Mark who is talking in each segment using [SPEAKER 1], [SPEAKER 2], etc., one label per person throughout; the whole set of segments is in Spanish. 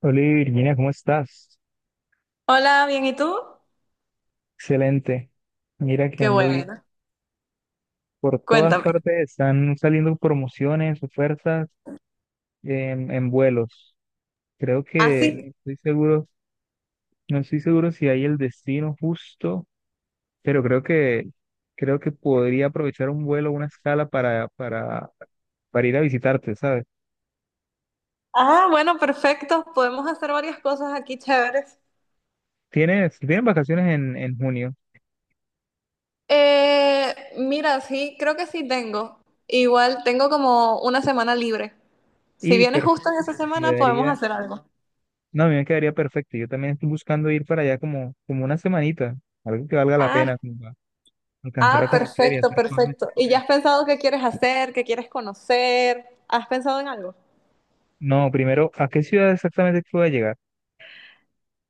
[SPEAKER 1] Hola Virginia, ¿cómo estás?
[SPEAKER 2] Hola, bien, ¿y tú?
[SPEAKER 1] Excelente. Mira que
[SPEAKER 2] Qué
[SPEAKER 1] ando bien.
[SPEAKER 2] bueno.
[SPEAKER 1] Por todas
[SPEAKER 2] Cuéntame.
[SPEAKER 1] partes están saliendo promociones, ofertas en vuelos. Creo
[SPEAKER 2] Ah,
[SPEAKER 1] que,
[SPEAKER 2] sí.
[SPEAKER 1] no estoy seguro, no estoy seguro si hay el destino justo, pero creo que podría aprovechar un vuelo, una escala para ir a visitarte, ¿sabes?
[SPEAKER 2] Ah, bueno, perfecto. Podemos hacer varias cosas aquí chéveres.
[SPEAKER 1] Tienes vacaciones en junio
[SPEAKER 2] Mira, sí, creo que sí tengo. Igual tengo como una semana libre. Si
[SPEAKER 1] y
[SPEAKER 2] vienes
[SPEAKER 1] per-
[SPEAKER 2] justo en esa semana, podemos
[SPEAKER 1] quedaría,
[SPEAKER 2] hacer algo.
[SPEAKER 1] no, a mí me quedaría perfecto. Yo también estoy buscando ir para allá como una semanita, algo que valga la
[SPEAKER 2] Ah,
[SPEAKER 1] pena. Alcanzar a
[SPEAKER 2] ah,
[SPEAKER 1] conocer y
[SPEAKER 2] perfecto,
[SPEAKER 1] hacer cosas
[SPEAKER 2] perfecto. ¿Y ya
[SPEAKER 1] chéveres.
[SPEAKER 2] has pensado qué quieres hacer, qué quieres conocer? ¿Has pensado en algo?
[SPEAKER 1] No, primero, ¿a qué ciudad exactamente que voy a llegar?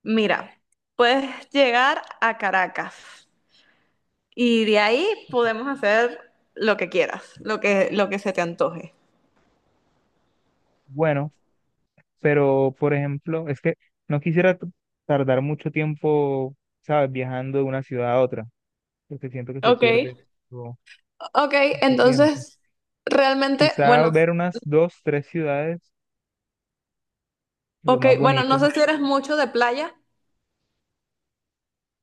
[SPEAKER 2] Mira, puedes llegar a Caracas. Y de ahí podemos hacer lo que quieras, lo que se te antoje.
[SPEAKER 1] Bueno, pero por ejemplo, es que no quisiera tardar mucho tiempo, ¿sabes? Viajando de una ciudad a otra, porque siento que se
[SPEAKER 2] Ok,
[SPEAKER 1] pierde mucho,
[SPEAKER 2] ok,
[SPEAKER 1] mucho tiempo.
[SPEAKER 2] entonces, realmente,
[SPEAKER 1] Quizá
[SPEAKER 2] bueno,
[SPEAKER 1] ver unas dos, tres ciudades, lo
[SPEAKER 2] ok,
[SPEAKER 1] más
[SPEAKER 2] bueno, no
[SPEAKER 1] bonito.
[SPEAKER 2] sé si eres mucho de playa,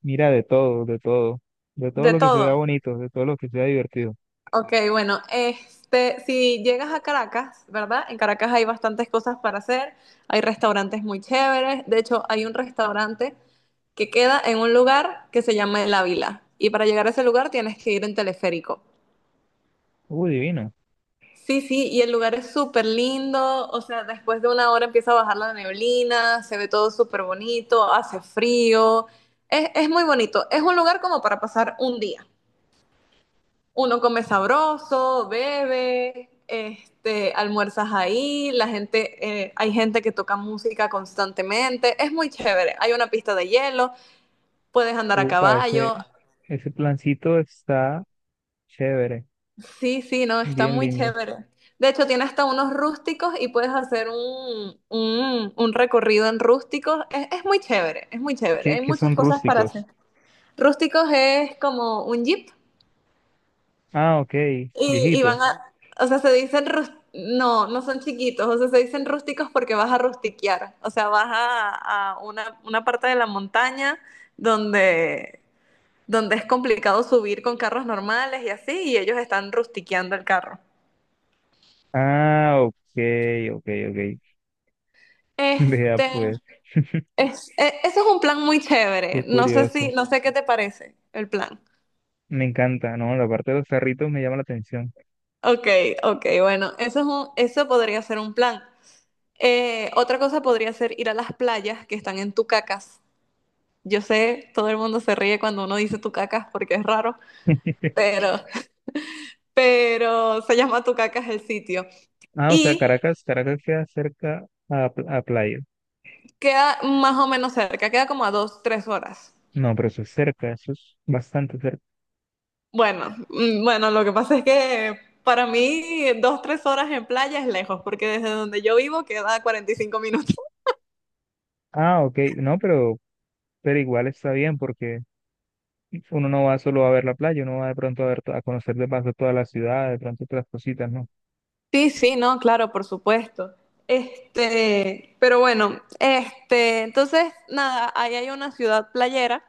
[SPEAKER 1] Mira, de todo, de todo, de todo
[SPEAKER 2] de
[SPEAKER 1] lo que se vea
[SPEAKER 2] todo.
[SPEAKER 1] bonito, de todo lo que sea divertido.
[SPEAKER 2] Ok, bueno, este, si llegas a Caracas, ¿verdad? En Caracas hay bastantes cosas para hacer, hay restaurantes muy chéveres, de hecho, hay un restaurante que queda en un lugar que se llama El Ávila, y para llegar a ese lugar tienes que ir en teleférico.
[SPEAKER 1] Uy, divino.
[SPEAKER 2] Sí, sí, y el lugar es súper lindo, o sea, después de una hora empieza a bajar la neblina, se ve todo súper bonito, hace frío, es muy bonito, es un lugar como para pasar un día. Uno come sabroso, bebe, este, almuerzas ahí, la gente, hay gente que toca música constantemente, es muy chévere, hay una pista de hielo, puedes andar a
[SPEAKER 1] Upa,
[SPEAKER 2] caballo.
[SPEAKER 1] ese plancito está chévere,
[SPEAKER 2] Sí, sí, no, está
[SPEAKER 1] bien
[SPEAKER 2] muy
[SPEAKER 1] lindo.
[SPEAKER 2] chévere. De hecho, tiene hasta unos rústicos y puedes hacer un recorrido en rústicos. Es muy chévere, es muy chévere. Hay
[SPEAKER 1] Qué
[SPEAKER 2] muchas
[SPEAKER 1] son
[SPEAKER 2] cosas para hacer.
[SPEAKER 1] rústicos?
[SPEAKER 2] Rústicos es como un jeep
[SPEAKER 1] Ah, ok,
[SPEAKER 2] y,
[SPEAKER 1] viejito.
[SPEAKER 2] o sea, no, no son chiquitos, o sea, se dicen rústicos porque vas a rustiquear. O sea, vas a una parte de la montaña donde, donde es complicado subir con carros normales y así, y ellos están rustiqueando el carro.
[SPEAKER 1] Ah, ok, ok, ok. Vea
[SPEAKER 2] Este,
[SPEAKER 1] pues,
[SPEAKER 2] Ese es un plan muy
[SPEAKER 1] qué
[SPEAKER 2] chévere.
[SPEAKER 1] curioso.
[SPEAKER 2] No sé qué te parece el plan.
[SPEAKER 1] Me encanta, ¿no? La parte de los carritos me llama la atención.
[SPEAKER 2] Ok, ok, bueno, eso podría ser un plan. Otra cosa podría ser ir a las playas que están en Tucacas. Yo sé, todo el mundo se ríe cuando uno dice Tucacas porque es raro, pero, pero se llama Tucacas el sitio.
[SPEAKER 1] Ah, o sea,
[SPEAKER 2] Y
[SPEAKER 1] Caracas queda cerca a, a playa.
[SPEAKER 2] queda más o menos cerca, queda como a 2, 3 horas.
[SPEAKER 1] No, pero eso es cerca, eso es bastante cerca.
[SPEAKER 2] Bueno, mm, bueno, lo que pasa es que para mí 2, 3 horas en playa es lejos, porque desde donde yo vivo queda 45 minutos.
[SPEAKER 1] Ah, ok, no, pero igual está bien porque uno no va solo a ver la playa, uno va de pronto a ver, a conocer de paso toda la ciudad, de pronto otras cositas, ¿no?
[SPEAKER 2] Sí, sí, no, claro, por supuesto. Este, pero bueno, este, entonces, nada, ahí hay una ciudad playera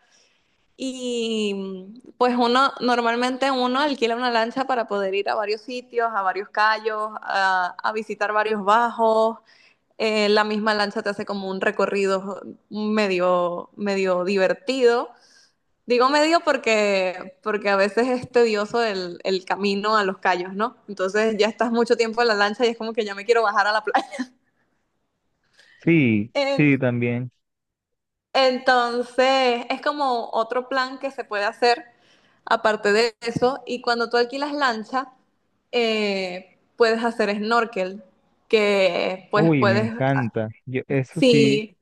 [SPEAKER 2] y mm, pues uno, normalmente uno alquila una lancha para poder ir a varios sitios, a varios cayos, a visitar varios bajos, la misma lancha te hace como un recorrido medio, medio divertido. Digo medio porque a veces es tedioso el camino a los callos, ¿no? Entonces ya estás mucho tiempo en la lancha y es como que ya me quiero bajar a la playa.
[SPEAKER 1] Sí,
[SPEAKER 2] En-
[SPEAKER 1] sí, también.
[SPEAKER 2] Entonces es como otro plan que se puede hacer aparte de eso. Y cuando tú alquilas lancha, puedes hacer snorkel, que pues
[SPEAKER 1] Uy, me
[SPEAKER 2] puedes,
[SPEAKER 1] encanta. Yo, eso sí,
[SPEAKER 2] sí.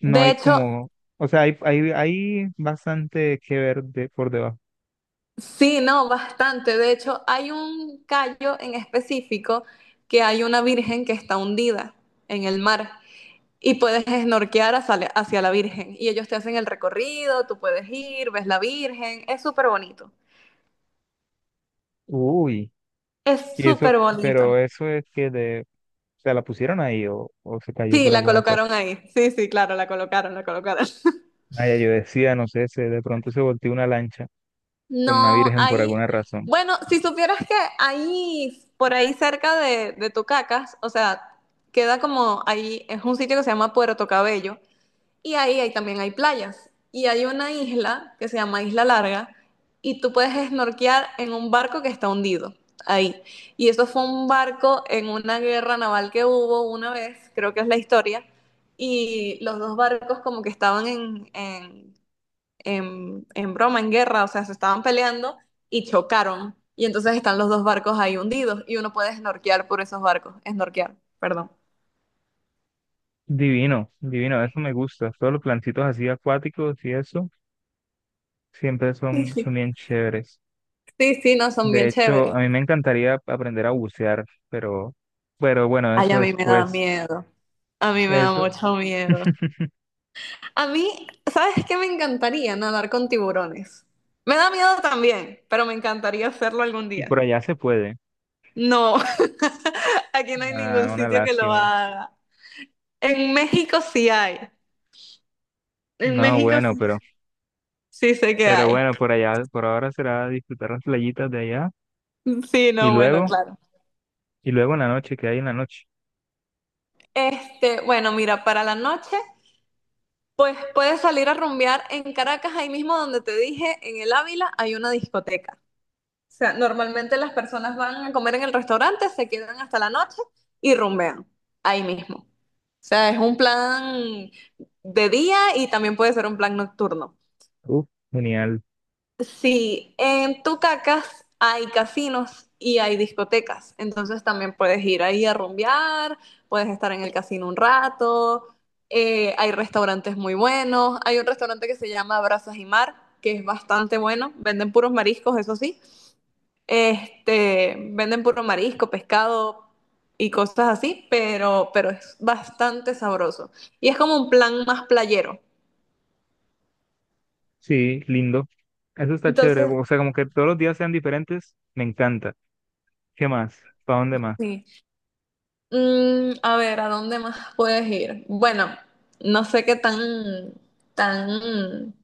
[SPEAKER 1] no
[SPEAKER 2] De
[SPEAKER 1] hay
[SPEAKER 2] hecho,
[SPEAKER 1] como, o sea, hay bastante que ver de, por debajo.
[SPEAKER 2] sí, no, bastante. De hecho, hay un callo en específico que hay una virgen que está hundida en el mar y puedes snorkear hacia la virgen. Y ellos te hacen el recorrido, tú puedes ir, ves la virgen. Es súper bonito.
[SPEAKER 1] Uy,
[SPEAKER 2] Es
[SPEAKER 1] y
[SPEAKER 2] súper
[SPEAKER 1] eso,
[SPEAKER 2] bonito.
[SPEAKER 1] pero eso es o sea la pusieron ahí o se cayó
[SPEAKER 2] Sí,
[SPEAKER 1] por
[SPEAKER 2] la
[SPEAKER 1] alguna cosa.
[SPEAKER 2] colocaron ahí. Sí, sí, claro, la colocaron, la colocaron.
[SPEAKER 1] Ay, yo decía, no sé, se, de pronto se volteó una lancha con una
[SPEAKER 2] No,
[SPEAKER 1] virgen por
[SPEAKER 2] ahí,
[SPEAKER 1] alguna razón.
[SPEAKER 2] bueno, si supieras que ahí, por ahí cerca de Tucacas, o sea, queda como ahí, es un sitio que se llama Puerto Cabello. Y ahí, ahí también hay playas. Y hay una isla que se llama Isla Larga y tú puedes esnorquear en un barco que está hundido ahí. Y eso fue un barco en una guerra naval que hubo una vez, creo que es la historia, y los dos barcos como que estaban en broma, en guerra, o sea, se estaban peleando y chocaron. Y entonces están los dos barcos ahí hundidos y uno puede snorquear por esos barcos, esnorquear, perdón.
[SPEAKER 1] Divino, divino, eso me gusta. Todos los plancitos así acuáticos y eso siempre
[SPEAKER 2] Sí,
[SPEAKER 1] son bien chéveres.
[SPEAKER 2] sí, sí, no, son bien
[SPEAKER 1] De hecho,
[SPEAKER 2] chéveres.
[SPEAKER 1] a mí me encantaría aprender a bucear, pero bueno,
[SPEAKER 2] Ay,
[SPEAKER 1] eso
[SPEAKER 2] a mí me da
[SPEAKER 1] después,
[SPEAKER 2] miedo. A mí me da
[SPEAKER 1] eso,
[SPEAKER 2] mucho miedo. A mí, ¿sabes qué? Me encantaría nadar con tiburones. Me da miedo también, pero me encantaría hacerlo algún
[SPEAKER 1] y
[SPEAKER 2] día.
[SPEAKER 1] por allá se puede.
[SPEAKER 2] No, aquí no hay ningún
[SPEAKER 1] Ah, una
[SPEAKER 2] sitio que lo
[SPEAKER 1] lástima.
[SPEAKER 2] haga. En México sí hay. En
[SPEAKER 1] No,
[SPEAKER 2] México
[SPEAKER 1] bueno,
[SPEAKER 2] sí, sí sé que
[SPEAKER 1] pero
[SPEAKER 2] hay.
[SPEAKER 1] bueno, por allá, por ahora será disfrutar las playitas de allá
[SPEAKER 2] Sí,
[SPEAKER 1] y
[SPEAKER 2] no, bueno,
[SPEAKER 1] luego,
[SPEAKER 2] claro.
[SPEAKER 1] y luego en la noche, ¿que hay en la noche?
[SPEAKER 2] Este, bueno, mira, para la noche, pues puedes salir a rumbear en Caracas, ahí mismo donde te dije, en el Ávila hay una discoteca. O sea, normalmente las personas van a comer en el restaurante, se quedan hasta la noche y rumbean ahí mismo. O sea, es un plan de día y también puede ser un plan nocturno.
[SPEAKER 1] Uf, genial.
[SPEAKER 2] Sí, en Tucacas hay casinos y hay discotecas, entonces también puedes ir ahí a rumbear, puedes estar en el casino un rato, hay restaurantes muy buenos, hay un restaurante que se llama Brazas y Mar, que es bastante bueno, venden puros mariscos, eso sí, este, venden puro marisco, pescado y cosas así, pero es bastante sabroso. Y es como un plan más playero.
[SPEAKER 1] Sí, lindo. Eso está chévere.
[SPEAKER 2] Entonces,
[SPEAKER 1] O sea, como que todos los días sean diferentes, me encanta. ¿Qué más? ¿Para dónde más?
[SPEAKER 2] sí. Mm, a ver, ¿a dónde más puedes ir? Bueno, no sé qué tan,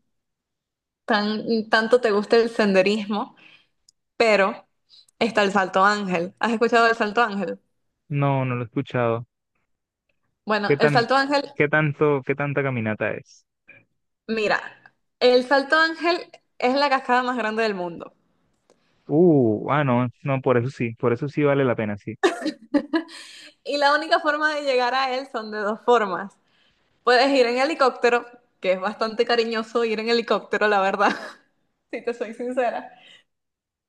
[SPEAKER 2] tanto te gusta el senderismo, pero está el Salto Ángel. ¿Has escuchado del Salto Ángel?
[SPEAKER 1] No, no lo he escuchado.
[SPEAKER 2] Bueno,
[SPEAKER 1] ¿Qué tan, qué tanta caminata es?
[SPEAKER 2] Mira, el Salto Ángel es la cascada más grande del mundo.
[SPEAKER 1] Ah, no, no, por eso sí vale la pena, sí.
[SPEAKER 2] Y la única forma de llegar a él son de dos formas. Puedes ir en helicóptero, que es bastante cariñoso ir en helicóptero, la verdad, si te soy sincera.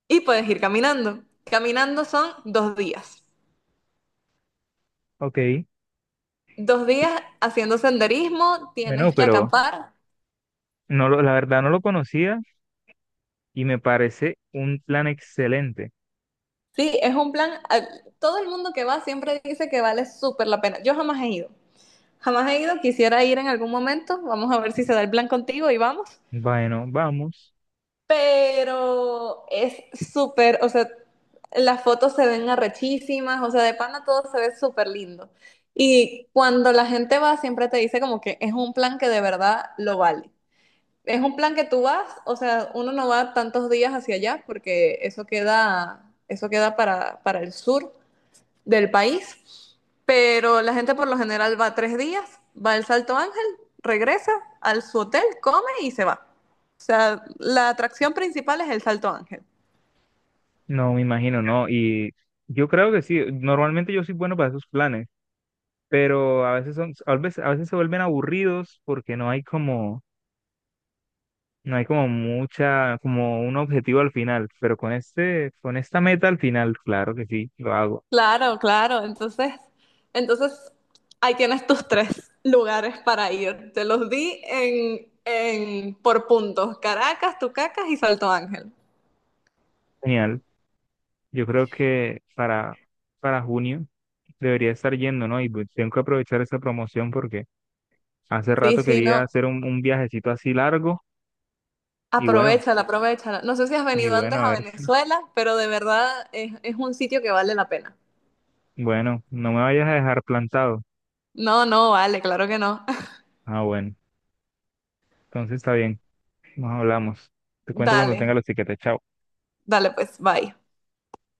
[SPEAKER 2] Y puedes ir caminando. Caminando son 2 días.
[SPEAKER 1] Ok,
[SPEAKER 2] 2 días haciendo senderismo,
[SPEAKER 1] bueno,
[SPEAKER 2] tienes que
[SPEAKER 1] pero
[SPEAKER 2] acampar.
[SPEAKER 1] no lo, la verdad no lo conocía y me parece un plan excelente.
[SPEAKER 2] Sí, es un plan. Todo el mundo que va siempre dice que vale súper la pena. Yo jamás he ido. Jamás he ido, quisiera ir en algún momento. Vamos a ver si se da el plan contigo y vamos.
[SPEAKER 1] Bueno, vamos.
[SPEAKER 2] Pero es súper, o sea, las fotos se ven arrechísimas, o sea, de pana todo se ve súper lindo. Y cuando la gente va, siempre te dice como que es un plan que de verdad lo vale. Es un plan que tú vas, o sea, uno no va tantos días hacia allá porque eso queda para el sur del país. Pero la gente por lo general va 3 días, va al Salto Ángel, regresa al su hotel, come y se va. O sea, la atracción principal es el Salto Ángel.
[SPEAKER 1] No, me imagino, no. Y yo creo que sí, normalmente yo soy bueno para esos planes, pero a veces son, a veces se vuelven aburridos porque no hay como, no hay como mucha, como un objetivo al final, pero con este, con esta meta al final, claro que sí, lo hago.
[SPEAKER 2] Claro, claro. Entonces ahí tienes tus tres lugares para ir. Te los di por puntos, Caracas, Tucacas y Salto Ángel.
[SPEAKER 1] Genial. Yo creo que para junio debería estar yendo, ¿no? Y pues tengo que aprovechar esa promoción porque hace
[SPEAKER 2] Sí,
[SPEAKER 1] rato
[SPEAKER 2] sí,
[SPEAKER 1] quería
[SPEAKER 2] no.
[SPEAKER 1] hacer un viajecito así largo y bueno,
[SPEAKER 2] Aprovechala, aprovechala. No sé si has
[SPEAKER 1] y
[SPEAKER 2] venido antes
[SPEAKER 1] bueno, a
[SPEAKER 2] a
[SPEAKER 1] ver si.
[SPEAKER 2] Venezuela, pero de verdad es un sitio que vale la pena.
[SPEAKER 1] Bueno, no me vayas a dejar plantado.
[SPEAKER 2] No, no, vale, claro que no.
[SPEAKER 1] Ah, bueno, entonces está bien, nos hablamos. Te cuento cuando
[SPEAKER 2] Dale,
[SPEAKER 1] tenga los tiquetes, chao.
[SPEAKER 2] dale pues, bye.